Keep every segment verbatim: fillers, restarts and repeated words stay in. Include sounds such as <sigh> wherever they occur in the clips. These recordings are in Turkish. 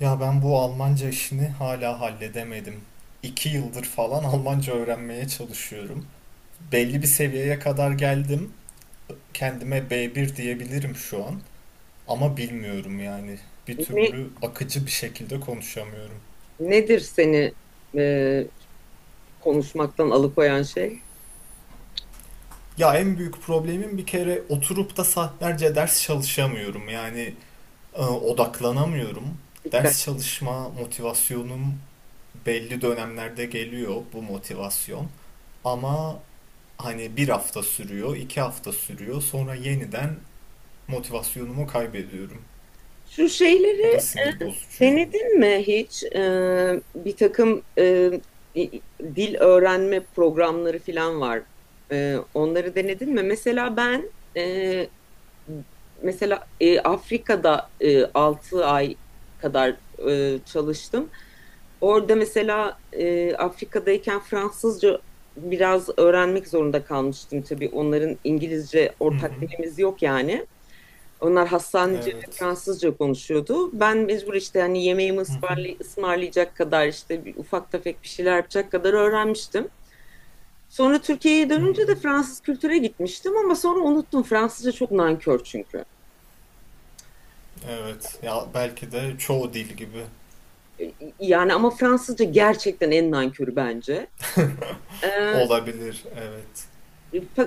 Ya ben bu Almanca işini hala halledemedim. İki yıldır falan Almanca öğrenmeye çalışıyorum. Belli bir seviyeye kadar geldim. Kendime B bir diyebilirim şu an. Ama bilmiyorum yani. Bir Ne, türlü akıcı bir şekilde konuşamıyorum. nedir seni e, konuşmaktan alıkoyan şey? Ya en büyük problemim bir kere oturup da saatlerce ders çalışamıyorum. Yani e, odaklanamıyorum. Dikkat. Ders çalışma motivasyonum belli dönemlerde geliyor bu motivasyon. Ama Hani bir hafta sürüyor, iki hafta sürüyor. Sonra yeniden motivasyonumu kaybediyorum. Şu Bu da şeyleri sinir bozucu yani. denedin mi hiç? E, bir takım e, dil öğrenme programları falan var. E, onları denedin mi? Mesela ben, e, mesela e, Afrika'da e, altı ay kadar e, çalıştım. Orada mesela, e, Afrika'dayken Fransızca biraz öğrenmek zorunda kalmıştım tabii. Onların, İngilizce Hı hı. ortak dilimiz yok yani. Onlar Hassanice ve Evet. Fransızca konuşuyordu. Ben mecbur, işte hani yemeğimi Hı hı. ısmarlay- ısmarlayacak kadar, işte bir ufak tefek bir şeyler yapacak kadar öğrenmiştim. Sonra Türkiye'ye Hı. dönünce de Fransız kültüre gitmiştim ama sonra unuttum. Fransızca çok nankör çünkü. Evet. Ya belki de çoğu dil gibi Ee, yani ama Fransızca gerçekten en nankörü bence. Ee, olabilir. Evet.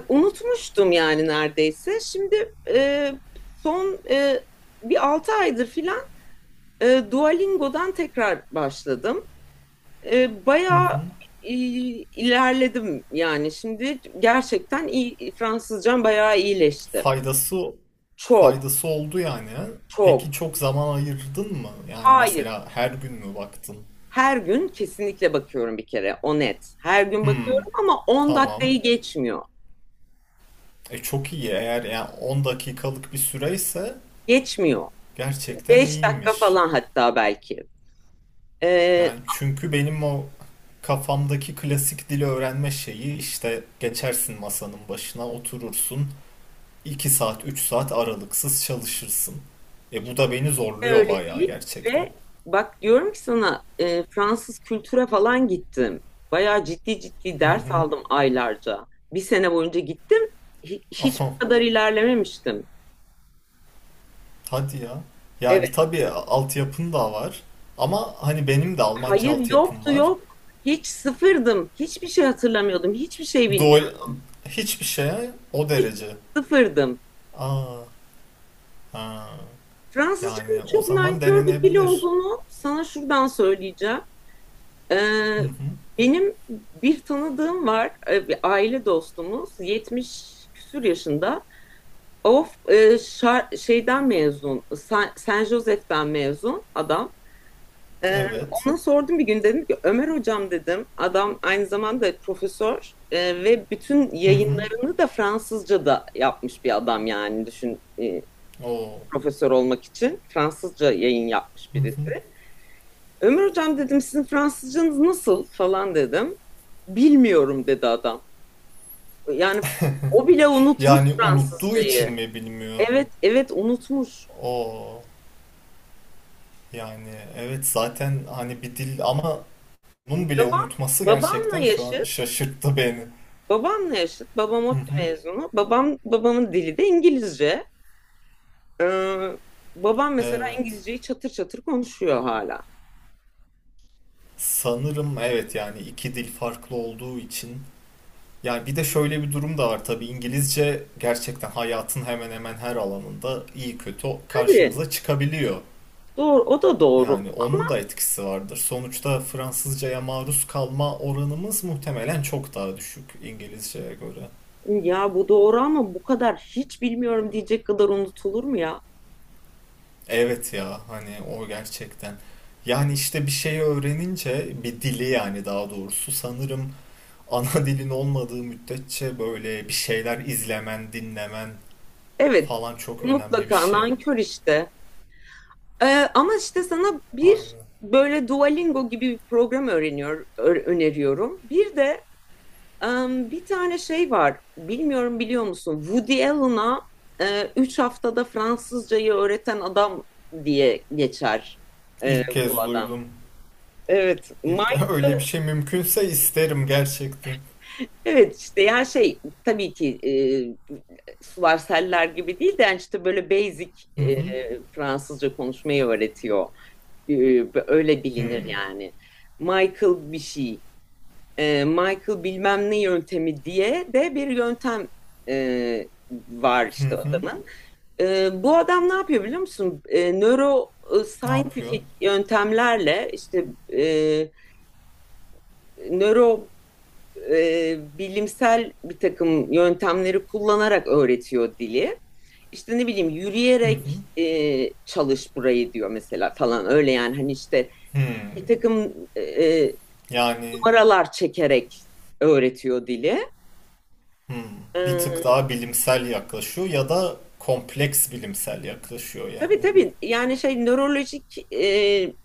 Unutmuştum yani, neredeyse. Şimdi e, son e, bir altı aydır filan e, Duolingo'dan tekrar başladım. E, Hı Bayağı hı. e, ilerledim yani. Şimdi gerçekten iyi, Fransızcam bayağı iyileşti. Faydası Çok, faydası oldu yani, ha? Peki çok. çok zaman ayırdın mı? Yani Hayır. mesela her gün mü baktın? Her gün kesinlikle bakıyorum bir kere. O net. Her gün Hmm, bakıyorum ama on tamam. dakikayı geçmiyor. E çok iyi, eğer yani on dakikalık bir süreyse Geçmiyor. gerçekten Beş dakika iyiymiş. falan hatta belki. Ee, Yani çünkü benim o kafamdaki klasik dili öğrenme şeyi, işte geçersin masanın başına oturursun iki saat üç saat aralıksız çalışırsın. E bu da beni zorluyor Öyle bayağı değil, gerçekten. ve bak diyorum ki sana, e, Fransız kültüre falan gittim. Bayağı ciddi ciddi Hı ders hı. aldım aylarca. Bir sene boyunca gittim. Hi- Hiç Aha, bu kadar ilerlememiştim. hadi ya. Evet, Yani tabii altyapın da var, ama hani benim de Almanca hayır altyapım yoktu, var. yok. Hiç sıfırdım. Hiçbir şey hatırlamıyordum. Hiçbir şey Duol bilmiyordum. Hiçbir şeye o Hiç derece. sıfırdım. Aa, ha. Fransızcanın Yani o çok zaman nankör bir dil denenebilir. olduğunu sana şuradan söyleyeceğim. Hı Ee, hı. Benim bir tanıdığım var, e, bir aile dostumuz, yetmiş küsur yaşında. Of, e, şar- şeyden mezun, San, San Josef'ten mezun adam. Ee, Evet. Ona sordum bir gün, dedim ki Ömer hocam, dedim. Adam aynı zamanda profesör e, ve bütün Hı hı. yayınlarını da Fransızca'da yapmış bir adam, yani düşün, e, Oo. profesör olmak için Fransızca yayın yapmış Hı hı. birisi. Ömer hocam dedim, sizin Fransızcanız nasıl falan, dedim. Bilmiyorum, dedi adam. Yani o bile unutmuş Yani unuttuğu için Fransızcayı. mi bilmiyor? Evet, evet, unutmuş. Oo. Yani evet zaten hani bir dil, ama bunun bile Babam unutması Babamla gerçekten şu an yaşıt. şaşırttı beni. Babamla yaşıt. Babam Hı ODTÜ hı. mezunu. Babam babamın dili de İngilizce. Ee, Babam mesela Evet. İngilizceyi çatır çatır konuşuyor hala. Sanırım evet yani iki dil farklı olduğu için. Yani bir de şöyle bir durum da var tabii, İngilizce gerçekten hayatın hemen hemen her alanında iyi kötü Tabii, karşımıza çıkabiliyor. doğru, o da doğru. Yani onun da etkisi vardır. Sonuçta Fransızcaya maruz kalma oranımız muhtemelen çok daha düşük İngilizceye göre. Ya bu doğru ama bu kadar hiç bilmiyorum diyecek kadar unutulur mu ya? Evet ya hani o gerçekten. Yani işte bir şey öğrenince bir dili, yani daha doğrusu sanırım ana dilin olmadığı müddetçe böyle bir şeyler izlemen, dinlemen Evet, falan çok önemli bir mutlaka şey. nankör işte. Ee, Ama işte sana bir Aynen. böyle Duolingo gibi bir program öğreniyor, ö- öneriyorum. Bir de em, bir tane şey var. Bilmiyorum, biliyor musun? Woody Allen'a e, üç haftada Fransızcayı öğreten adam diye geçer e, İlk bu kez adam. duydum. Evet, İlk Mike, <laughs> öyle bir şey mümkünse isterim gerçekten. evet işte ya şey, tabii ki e, sular seller gibi değil de, yani işte böyle basic Hı e, hı. Fransızca konuşmayı öğretiyor. Ee, Öyle Hı bilinir yani. Michael bir şey. Ee, Michael bilmem ne yöntemi diye de bir yöntem e, var hı. işte Hı. adamın. Ee, bu adam ne yapıyor biliyor musun? Ee, nöro e, Ne yapıyor? scientific yöntemlerle, işte e, nöro e, bilimsel bir takım yöntemleri kullanarak öğretiyor dili. İşte ne bileyim, Hı hı. yürüyerek e, çalış burayı diyor mesela falan, öyle yani, hani işte Hmm. bir takım e, e, Yani numaralar çekerek öğretiyor dili. hmm, bir tık Ee, daha bilimsel yaklaşıyor ya da kompleks bilimsel yaklaşıyor tabii yani. tabii, yani şey, nörolojik e,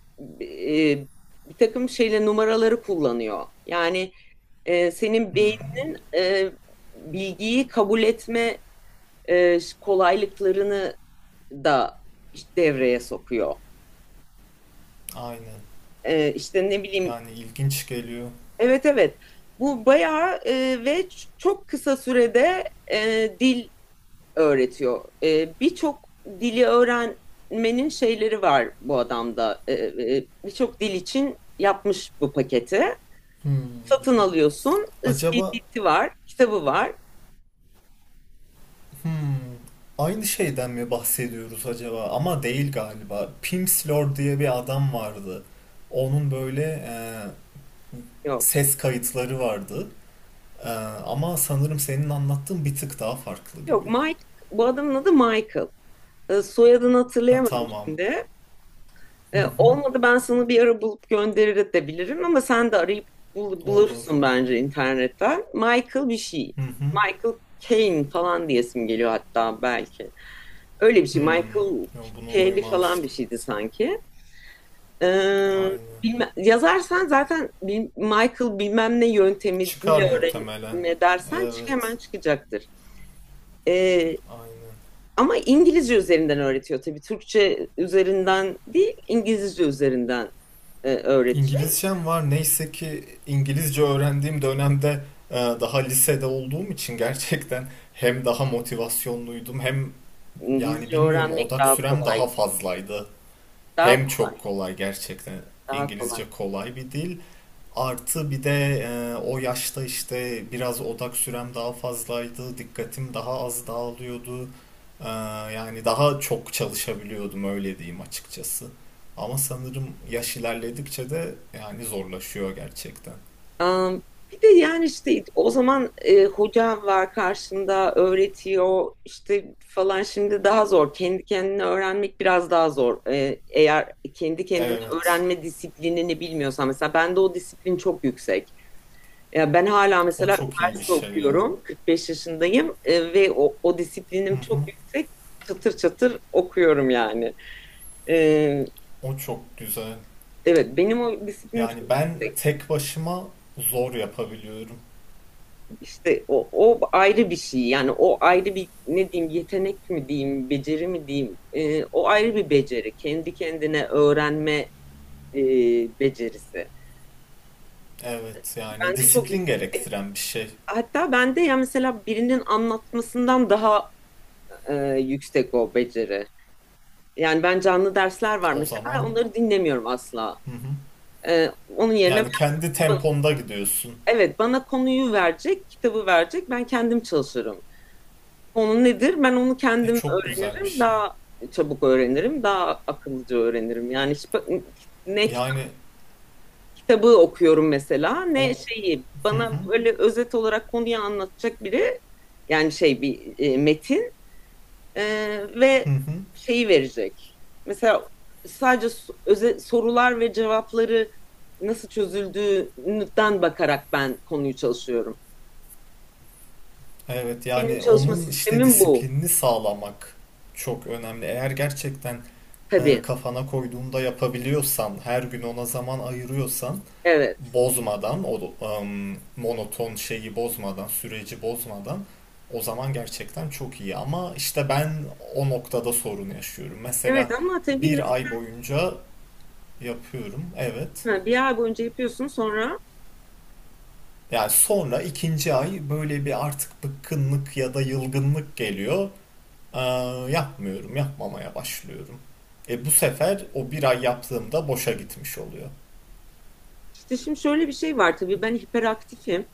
e, bir takım şeyle numaraları kullanıyor. Yani e, senin Hmm. beyninin e, bilgiyi kabul etme e, kolaylıklarını da işte devreye sokuyor. Aynen. E, işte ne bileyim, Yani ilginç geliyor. evet, evet, bu bayağı e, ve çok kısa sürede e, dil öğretiyor. E, birçok dili öğrenmenin şeyleri var bu adamda. E, e, birçok dil için yapmış bu paketi. Hmm. Satın alıyorsun. E, Acaba C D'si var, kitabı var. hmm. Aynı şeyden mi bahsediyoruz acaba? Ama değil galiba. Pimsleur diye bir adam vardı. Onun böyle e, Yok. ses kayıtları vardı. E, ama sanırım senin anlattığın bir tık daha farklı Yok gibi. Mike, bu adamın adı Michael. E, soyadını Ha, hatırlayamadım tamam. şimdi. Hı E, hı. Olmadı, ben sana bir ara bulup gönderir de bilirim ama sen de arayıp bul- Olur. bulursun bence internetten. Michael bir şey. Hı hı. Michael Caine falan diyesim geliyor hatta belki. Öyle bir şey. Hmm, Michael yo, bunu Kelly falan bir duymamıştım. şeydi sanki. Ee, Aynen. Bilme- yazarsan zaten bil- Michael bilmem ne yöntemi dil Çıkar muhtemelen. öğrenme dersen çık, Evet, hemen çıkacaktır. Ee, aynen. Ama İngilizce üzerinden öğretiyor tabii. Türkçe üzerinden değil, İngilizce üzerinden e, öğretecek. İngilizcem var. Neyse ki İngilizce öğrendiğim dönemde e, daha lisede olduğum için gerçekten hem daha motivasyonluydum, hem yani İngilizce bilmiyorum öğrenmek odak daha sürem kolay. daha fazlaydı. Daha Hem kolay. çok kolay gerçekten. Daha kolay. İngilizce kolay bir dil. Artı bir de e, o yaşta işte biraz odak sürem daha fazlaydı, dikkatim daha az dağılıyordu. E, Yani daha çok çalışabiliyordum öyle diyeyim açıkçası. Ama sanırım yaş ilerledikçe de yani zorlaşıyor gerçekten. Am, Bir de yani, işte o zaman e, hoca var karşında öğretiyor işte falan, şimdi daha zor. Kendi kendine öğrenmek biraz daha zor. E, eğer kendi kendine Evet, öğrenme disiplinini bilmiyorsan, mesela bende o disiplin çok yüksek. Ya ben hala o mesela çok iyi bir üniversite şey ya. okuyorum. kırk beş yaşındayım e, ve o, o Hı disiplinim çok hı. yüksek. Çatır çatır okuyorum yani. E, O çok güzel. evet, benim o disiplinim Yani çok ben yüksek. tek başıma zor yapabiliyorum. İşte o, o ayrı bir şey, yani o ayrı bir, ne diyeyim, yetenek mi diyeyim, beceri mi diyeyim. Ee, o ayrı bir beceri, kendi kendine öğrenme e, becerisi. Evet, yani Bende çok Hmm. disiplin yüksek, gerektiren bir şey. hatta bende, ya mesela, birinin anlatmasından daha e, yüksek o beceri. Yani ben, canlı dersler var O mesela, zaman. onları dinlemiyorum asla. Hı hı. Ee, onun yerine Yani kendi ben, temponda gidiyorsun. evet, bana konuyu verecek, kitabı verecek, ben kendim çalışırım. Konu nedir? Ben onu E kendim çok güzel bir öğrenirim. şey. Daha çabuk öğrenirim. Daha akıllıca öğrenirim. Yani hiç, bak- ne kitap- Yani kitabı okuyorum mesela, o ne şeyi, hı hı bana böyle özet olarak konuyu anlatacak biri, yani şey, bir e, metin e, hı ve hı. şeyi verecek. Mesela sadece so- öze- sorular ve cevapları nasıl çözüldüğünden bakarak ben konuyu çalışıyorum. Evet Benim yani çalışma onun işte sistemim bu, disiplinini sağlamak çok önemli. Eğer gerçekten e, tabii. kafana koyduğunda yapabiliyorsan, her gün ona zaman ayırıyorsan, Evet. bozmadan o em, monoton şeyi bozmadan, süreci bozmadan o zaman gerçekten çok iyi. Ama işte ben o noktada sorun yaşıyorum. Evet Mesela ama tabii. bir ay boyunca yapıyorum. Evet. Ha, bir ay boyunca yapıyorsun sonra, Yani sonra ikinci ay böyle bir artık bıkkınlık ya da yılgınlık geliyor. Ee, Yapmıyorum, yapmamaya başlıyorum. E bu sefer o bir ay yaptığımda boşa gitmiş oluyor. işte şimdi şöyle bir şey var, tabii ben hiperaktifim.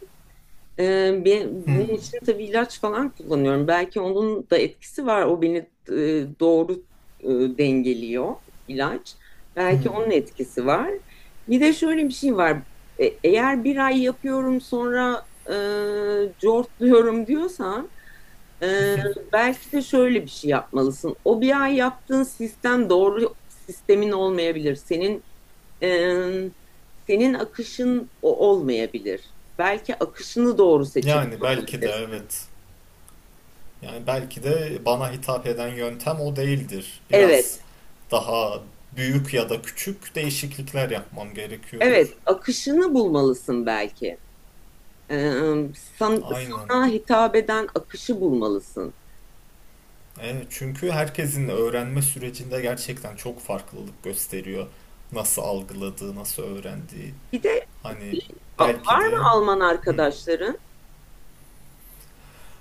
Ee, be- bunun Hmm, için tabii ilaç falan kullanıyorum. Belki onun da etkisi var. O beni e, doğru e, dengeliyor ilaç. Belki hmm. onun etkisi var. Bir de şöyle bir şey var. E, eğer bir ay yapıyorum sonra e, cortluyorum diyorsan, e, belki de şöyle bir şey yapmalısın. O bir ay yaptığın sistem doğru sistemin olmayabilir. Senin Ee, senin akışın o olmayabilir. Belki akışını doğru Yani seçemiyor belki de olabilirsin. evet. Yani belki de bana hitap eden yöntem o değildir. Biraz Evet, daha büyük ya da küçük değişiklikler yapmam evet, gerekiyordur. akışını bulmalısın belki. Ee, san- Aynen. Sana hitap eden akışı bulmalısın. Evet, çünkü herkesin öğrenme sürecinde gerçekten çok farklılık gösteriyor. Nasıl algıladığı, nasıl öğrendiği. Bir de Hani a- belki var de mı Alman Hı. arkadaşların?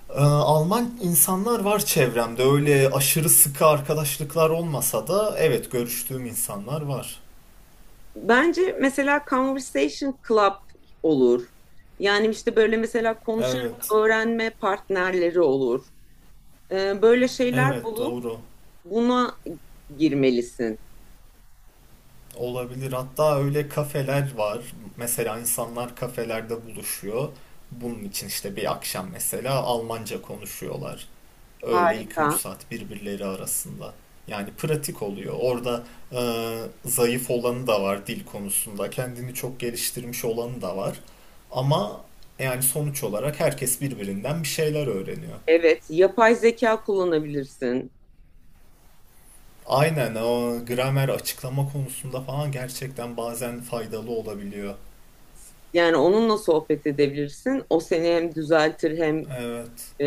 Ee, Alman insanlar var çevremde. Öyle aşırı sıkı arkadaşlıklar olmasa da evet görüştüğüm insanlar var. Bence mesela Conversation Club olur. Yani işte böyle, mesela konuşarak Evet. öğrenme partnerleri olur. Ee, böyle şeyler Evet bulup doğru. buna girmelisin. Olabilir. Hatta öyle kafeler var. Mesela insanlar kafelerde buluşuyor. Bunun için işte bir akşam mesela Almanca konuşuyorlar. Öyle iki Harika. üç saat birbirleri arasında. Yani pratik oluyor. Orada e, zayıf olanı da var dil konusunda. Kendini çok geliştirmiş olanı da var. Ama yani sonuç olarak herkes birbirinden bir şeyler öğreniyor. Evet, yapay zeka kullanabilirsin. Aynen, o gramer açıklama konusunda falan gerçekten bazen faydalı olabiliyor. Yani onunla sohbet edebilirsin. O seni hem düzeltir hem Evet. e,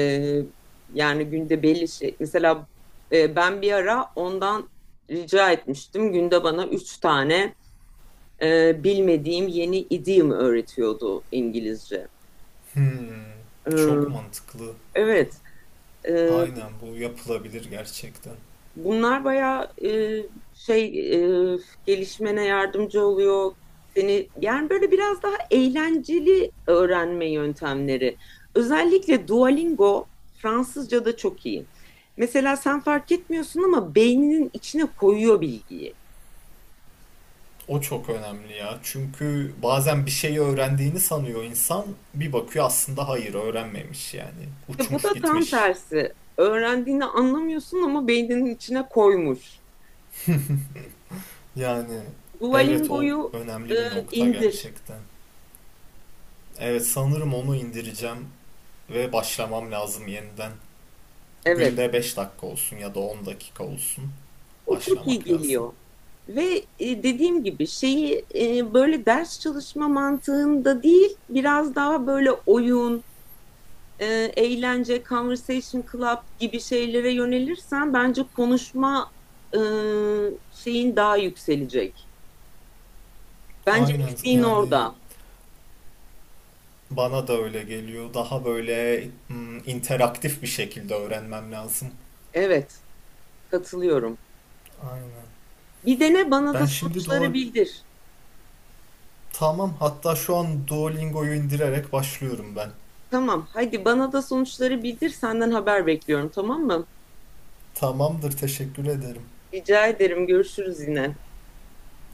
yani günde belli şey. Mesela e, ben bir ara ondan rica etmiştim. Günde bana üç tane e, bilmediğim yeni idiom öğretiyordu İngilizce. Hmm, çok E, mantıklı. evet, e, Aynen bu yapılabilir gerçekten. bunlar bayağı e, şey, e, gelişmene yardımcı oluyor. Seni yani böyle biraz daha eğlenceli öğrenme yöntemleri. Özellikle Duolingo Fransızca'da çok iyi. Mesela sen fark etmiyorsun ama beyninin içine koyuyor bilgiyi. O çok önemli ya. Çünkü bazen bir şeyi öğrendiğini sanıyor insan. Bir bakıyor aslında hayır öğrenmemiş yani. İşte bu Uçmuş da tam gitmiş. tersi. Öğrendiğini anlamıyorsun ama beyninin içine koymuş. Yani evet o Duolingo'yu e, önemli bir nokta indir. gerçekten. Evet sanırım onu indireceğim ve başlamam lazım yeniden. Evet. Günde beş dakika olsun ya da on dakika olsun. O çok iyi Başlamak lazım. geliyor. Ve e, dediğim gibi, şeyi e, böyle ders çalışma mantığında değil, biraz daha böyle oyun, e, eğlence, conversation club gibi şeylere yönelirsen bence konuşma e, şeyin daha yükselecek. Bence Aynen eksiğin yani orada. bana da öyle geliyor. Daha böyle mm, interaktif bir şekilde öğrenmem lazım. Evet, katılıyorum. Aynen. Bir dene, bana Ben da şimdi sonuçları Duolingo bildir. Tamam, hatta şu an Duolingo'yu indirerek başlıyorum ben. Tamam, hadi bana da sonuçları bildir. Senden haber bekliyorum, tamam mı? Tamamdır, teşekkür ederim. Rica ederim. Görüşürüz yine.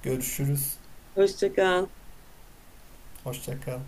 Görüşürüz. Hoşça kal. Hoşça kal.